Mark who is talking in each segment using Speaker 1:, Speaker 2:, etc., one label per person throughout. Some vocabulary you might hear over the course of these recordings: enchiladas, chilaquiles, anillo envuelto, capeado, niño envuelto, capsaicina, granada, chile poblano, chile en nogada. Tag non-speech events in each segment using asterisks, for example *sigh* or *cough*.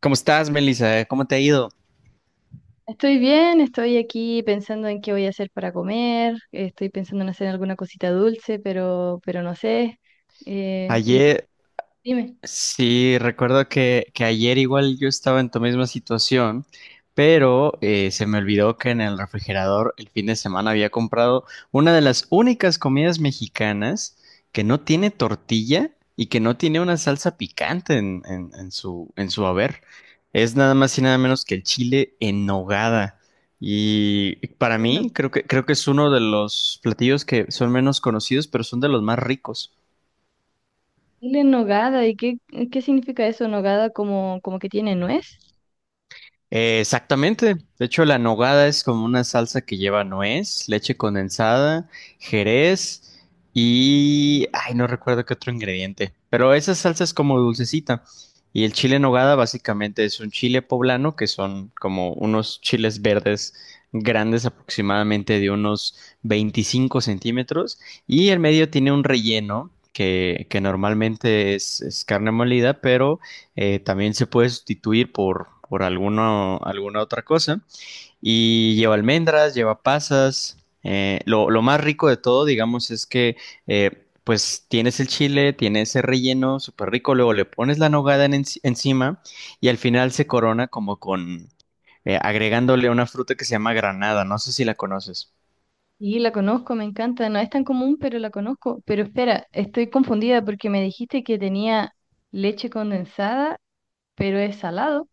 Speaker 1: ¿Cómo estás, Melissa? ¿Cómo te ha ido?
Speaker 2: Estoy bien, estoy aquí pensando en qué voy a hacer para comer, estoy pensando en hacer alguna cosita dulce, pero no sé. ¿Y tú?
Speaker 1: Ayer,
Speaker 2: Dime.
Speaker 1: sí, recuerdo que, ayer igual yo estaba en tu misma situación, pero se me olvidó que en el refrigerador el fin de semana había comprado una de las únicas comidas mexicanas que no tiene tortilla y que no tiene una salsa picante en su en su haber. Es nada más y nada menos que el chile en nogada. Y para mí
Speaker 2: No.
Speaker 1: creo que, es uno de los platillos que son menos conocidos, pero son de los más ricos.
Speaker 2: Dile nogada, ¿qué significa eso? ¿Nogada como que tiene nuez?
Speaker 1: Exactamente. De hecho, la nogada es como una salsa que lleva nuez, leche condensada, jerez y... Ay, no recuerdo qué otro ingrediente. Pero esa salsa es como dulcecita. Y el chile en nogada básicamente es un chile poblano, que son como unos chiles verdes grandes, aproximadamente de unos 25 centímetros. Y el medio tiene un relleno que, normalmente es, carne molida, pero también se puede sustituir por, alguna otra cosa. Y lleva almendras, lleva pasas. Lo más rico de todo, digamos, es que pues tienes el chile, tienes ese relleno súper rico, luego le pones la nogada encima y al final se corona como con, agregándole una fruta que se llama granada. ¿No sé si la conoces?
Speaker 2: Sí, la conozco, me encanta, no es tan común, pero la conozco. Pero espera, estoy confundida porque me dijiste que tenía leche condensada, pero es salado.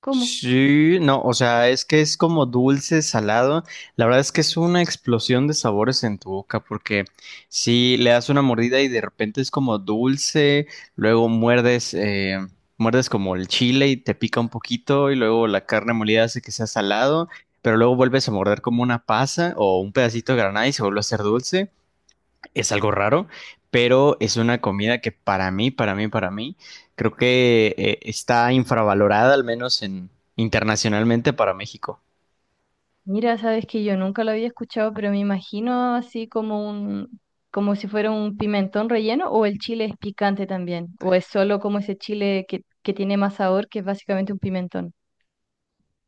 Speaker 2: ¿Cómo?
Speaker 1: Sí, no, o sea, es que es como dulce, salado. La verdad es que es una explosión de sabores en tu boca, porque si le das una mordida y de repente es como dulce, luego muerdes, muerdes como el chile y te pica un poquito, y luego la carne molida hace que sea salado, pero luego vuelves a morder como una pasa o un pedacito de granada y se vuelve a hacer dulce. Es algo raro, pero es una comida que para mí, creo que está infravalorada, al menos internacionalmente, para México.
Speaker 2: Mira, sabes que yo nunca lo había escuchado, pero me imagino así como un, como si fuera un pimentón relleno, o el chile es picante también, o es solo como ese chile que tiene más sabor, que es básicamente un pimentón.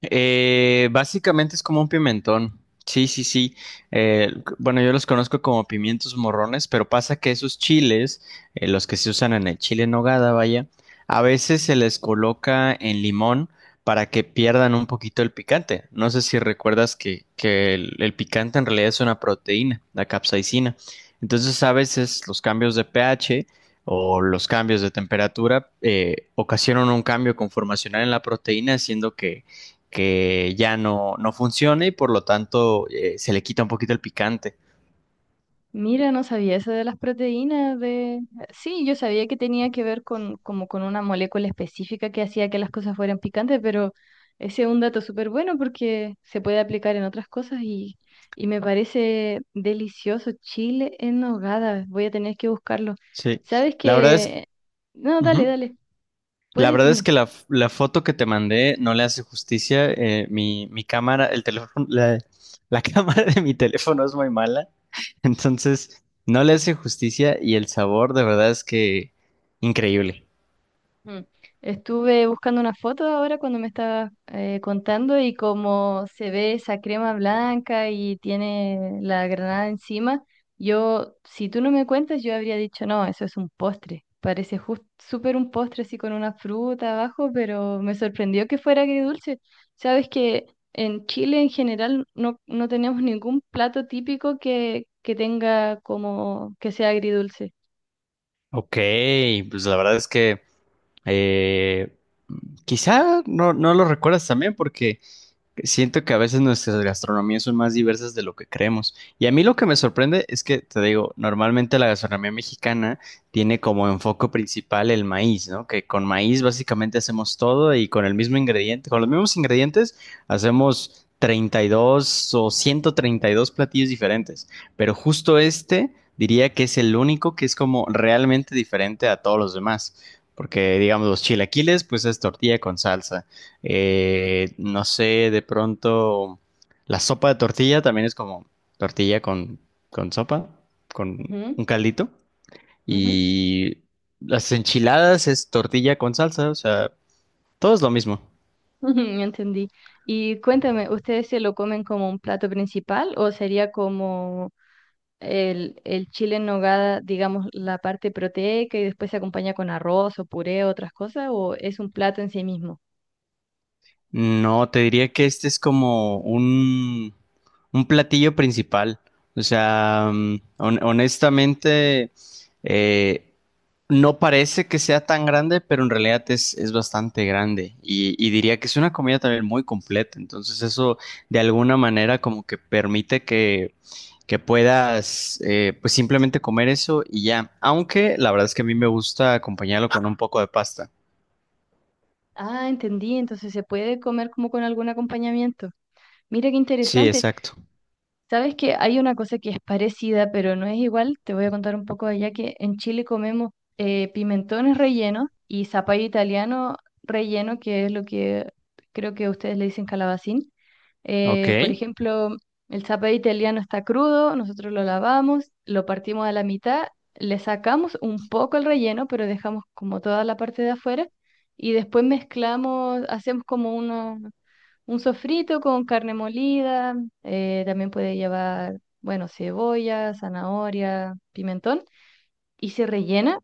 Speaker 1: Básicamente es como un pimentón. Sí, sí, sí. Bueno, yo los conozco como pimientos morrones, pero pasa que esos chiles, los que se usan en el chile en nogada, vaya, a veces se les coloca en limón para que pierdan un poquito el picante. ¿No sé si recuerdas que, el, picante en realidad es una proteína, la capsaicina? Entonces, a veces los cambios de pH o los cambios de temperatura ocasionan un cambio conformacional en la proteína, haciendo que ya no funciona, y por lo tanto se le quita un poquito el picante.
Speaker 2: Mira, no sabía eso de las proteínas de... Sí, yo sabía que tenía que ver con, como con una molécula específica que hacía que las cosas fueran picantes, pero ese es un dato súper bueno porque se puede aplicar en otras cosas y me parece delicioso. Chile en nogada, voy a tener que buscarlo.
Speaker 1: Sí,
Speaker 2: ¿Sabes
Speaker 1: la verdad es,
Speaker 2: qué? No, dale,
Speaker 1: ujú.
Speaker 2: dale, puedes
Speaker 1: La verdad es
Speaker 2: decirme.
Speaker 1: que la foto que te mandé no le hace justicia. Mi cámara, el teléfono, la *laughs* cámara de mi teléfono es muy mala. *laughs* Entonces, no le hace justicia, y el sabor de verdad es que increíble.
Speaker 2: Mm. Estuve buscando una foto ahora cuando me estabas contando y como se ve esa crema blanca y tiene la granada encima, yo, si tú no me cuentas, yo habría dicho, no, eso es un postre. Parece justo súper un postre así con una fruta abajo, pero me sorprendió que fuera agridulce. Sabes que en Chile en general no, no tenemos ningún plato típico que tenga como que sea agridulce.
Speaker 1: Ok, pues la verdad es que, eh, quizá no lo recuerdas también porque... Siento que a veces nuestras gastronomías son más diversas de lo que creemos. Y a mí lo que me sorprende es que, te digo, normalmente la gastronomía mexicana tiene como enfoque principal el maíz, ¿no? Que con maíz básicamente hacemos todo, y con el mismo ingrediente, con los mismos ingredientes hacemos 32 o 132 platillos diferentes. Pero justo este diría que es el único que es como realmente diferente a todos los demás. Porque, digamos, los chilaquiles, pues es tortilla con salsa. No sé, de pronto la sopa de tortilla también es como tortilla con, sopa, con
Speaker 2: Ujú,
Speaker 1: un caldito.
Speaker 2: ujú.
Speaker 1: Y las enchiladas es tortilla con salsa, o sea, todo es lo mismo.
Speaker 2: *laughs* Ujú, entendí. Y cuéntame, ¿ustedes se lo comen como un plato principal o sería como el chile en nogada, digamos, la parte proteica y después se acompaña con arroz o puré o otras cosas o es un plato en sí mismo?
Speaker 1: No, te diría que este es como un platillo principal. O sea, mm, honestamente, eh, no parece que sea tan grande, pero en realidad es, bastante grande. Y, diría que es una comida también muy completa. Entonces eso de alguna manera como que permite que, puedas, pues, simplemente comer eso y ya. Aunque la verdad es que a mí me gusta acompañarlo con un poco de pasta.
Speaker 2: Ah, entendí, entonces se puede comer como con algún acompañamiento. Mira qué
Speaker 1: Sí,
Speaker 2: interesante.
Speaker 1: exacto.
Speaker 2: Sabes que hay una cosa que es parecida, pero no es igual. Te voy a contar un poco allá que en Chile comemos pimentones rellenos y zapallo italiano relleno, que es lo que creo que ustedes le dicen calabacín.
Speaker 1: Ok.
Speaker 2: Por ejemplo, el zapallo italiano está crudo, nosotros lo lavamos, lo partimos a la mitad, le sacamos un poco el relleno, pero dejamos como toda la parte de afuera y después mezclamos, hacemos como uno un sofrito con carne molida, también puede llevar, bueno, cebolla, zanahoria, pimentón y se rellena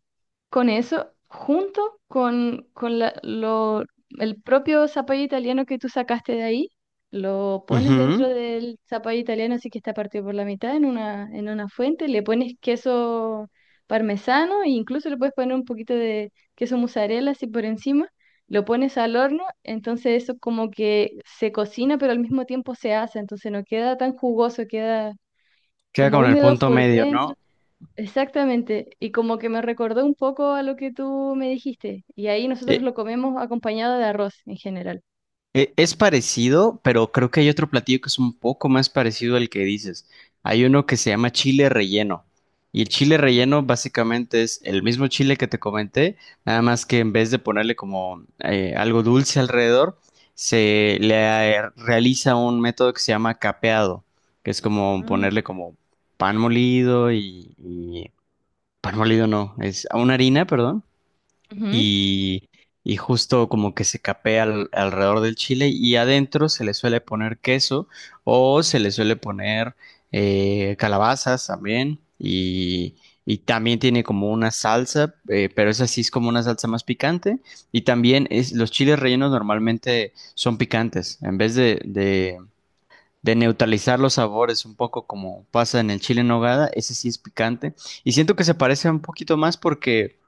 Speaker 2: con eso junto con el propio zapallo italiano que tú sacaste de ahí. Lo pones
Speaker 1: Ujú.
Speaker 2: dentro del zapallo italiano, así que está partido por la mitad en una fuente. Le pones queso parmesano e incluso le puedes poner un poquito de queso mozzarella así por encima. Lo pones al horno, entonces eso como que se cocina, pero al mismo tiempo se hace, entonces no queda tan jugoso, queda
Speaker 1: Queda
Speaker 2: como
Speaker 1: con el
Speaker 2: húmedo
Speaker 1: punto
Speaker 2: por
Speaker 1: medio,
Speaker 2: dentro.
Speaker 1: ¿no?
Speaker 2: Exactamente, y como que me recordó un poco a lo que tú me dijiste, y ahí nosotros
Speaker 1: Eh,
Speaker 2: lo comemos acompañado de arroz en general.
Speaker 1: es parecido, pero creo que hay otro platillo que es un poco más parecido al que dices. Hay uno que se llama chile relleno. Y el chile relleno básicamente es el mismo chile que te comenté, nada más que en vez de ponerle como, algo dulce alrededor, se le, realiza un método que se llama capeado, que es como
Speaker 2: Mm,
Speaker 1: ponerle como pan molido y, pan molido no, es una harina, perdón,
Speaker 2: ujú.
Speaker 1: y, y justo como que se capea alrededor del chile, y adentro se le suele poner queso, o se le suele poner calabazas también. Y también tiene como una salsa, pero esa sí es como una salsa más picante, y también es, los chiles rellenos normalmente son picantes en vez de, neutralizar los sabores, un poco como pasa en el chile en nogada. Ese sí es picante. Y siento que se parece un poquito más porque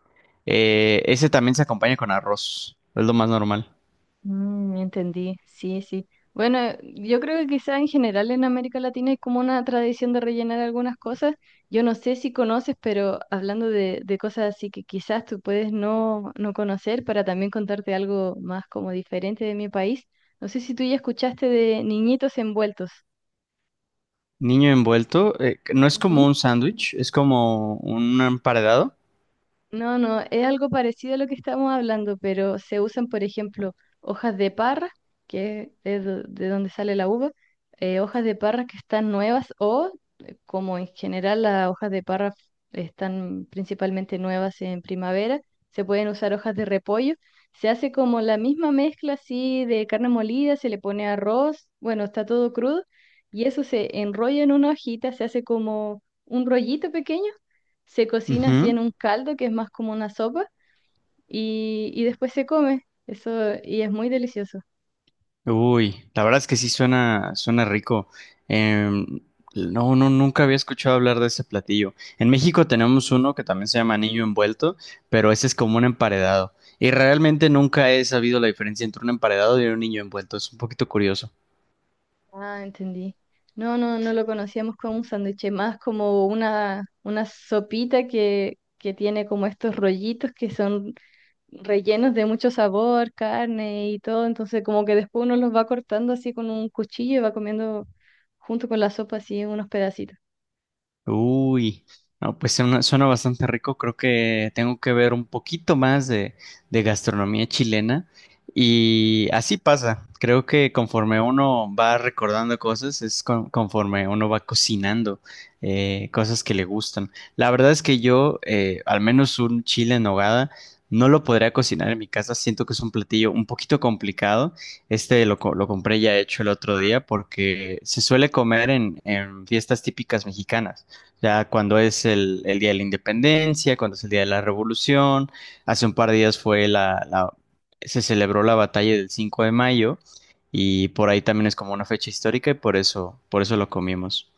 Speaker 1: ese también se acompaña con arroz, es lo más normal.
Speaker 2: Mm, entendí, sí, sí. Bueno, yo creo que quizá en general en América Latina es como una tradición de rellenar algunas cosas. Yo no sé si conoces, pero hablando de cosas así que quizás tú puedes no, no conocer, para también contarte algo más como diferente de mi país. No sé si tú ya escuchaste de niñitos envueltos.
Speaker 1: Niño envuelto, no es como un sándwich, es como un emparedado.
Speaker 2: No, no, es algo parecido a lo que estamos hablando, pero se usan, por ejemplo, hojas de parra, que es de donde sale la uva, hojas de parra que están nuevas o, como en general las hojas de parra están principalmente nuevas en primavera, se pueden usar hojas de repollo. Se hace como la misma mezcla así de carne molida, se le pone arroz, bueno, está todo crudo, y eso se enrolla en una hojita, se hace como un rollito pequeño, se cocina así
Speaker 1: Ujú.
Speaker 2: en un caldo que es más como una sopa y después se come. Eso, y es muy delicioso.
Speaker 1: Uy, la verdad es que sí suena, suena rico. Em, no, nunca había escuchado hablar de ese platillo. En México tenemos uno que también se llama anillo envuelto, pero ese es como un emparedado. Y realmente nunca he sabido la diferencia entre un emparedado y un niño envuelto. Es un poquito curioso.
Speaker 2: Ah, entendí. No, no, no lo conocíamos como un sándwich, es más como una sopita que tiene como estos rollitos que son rellenos de mucho sabor, carne y todo. Entonces, como que después uno los va cortando así con un cuchillo y va comiendo junto con la sopa así unos pedacitos.
Speaker 1: Uy, no, pues suena, suena bastante rico. Creo que tengo que ver un poquito más de, gastronomía chilena. Y así pasa. Creo que conforme uno va recordando cosas, es conforme uno va cocinando, cosas que le gustan. La verdad es que yo, al menos un chile en nogada, no lo podría cocinar en mi casa. Siento que es un platillo un poquito complicado. Este lo, lo compré ya hecho el otro día porque se suele comer en fiestas típicas mexicanas. Ya cuando es el Día de la Independencia, cuando es el Día de la Revolución, hace un par de días fue se celebró la batalla del 5 de mayo, y por ahí también es como una fecha histórica, y por eso lo comimos.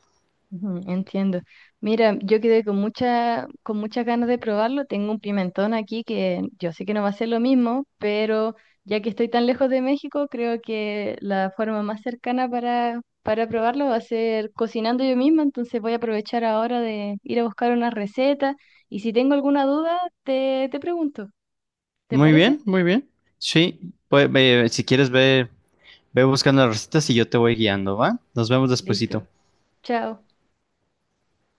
Speaker 2: Ujú, entiendo. Mira, yo quedé con mucha, con muchas ganas de probarlo. Tengo un pimentón aquí que yo sé que no va a ser lo mismo, pero ya que estoy tan lejos de México, creo que la forma más cercana para probarlo va a ser cocinando yo misma. Entonces voy a aprovechar ahora de ir a buscar una receta y si tengo alguna duda, te pregunto. ¿Te
Speaker 1: Muy bien,
Speaker 2: parece?
Speaker 1: muy bien. Sí, pues ve- si quieres ve, ve buscando las recetas y yo te voy guiando, ¿va? Nos vemos despuesito.
Speaker 2: Listo. Chao.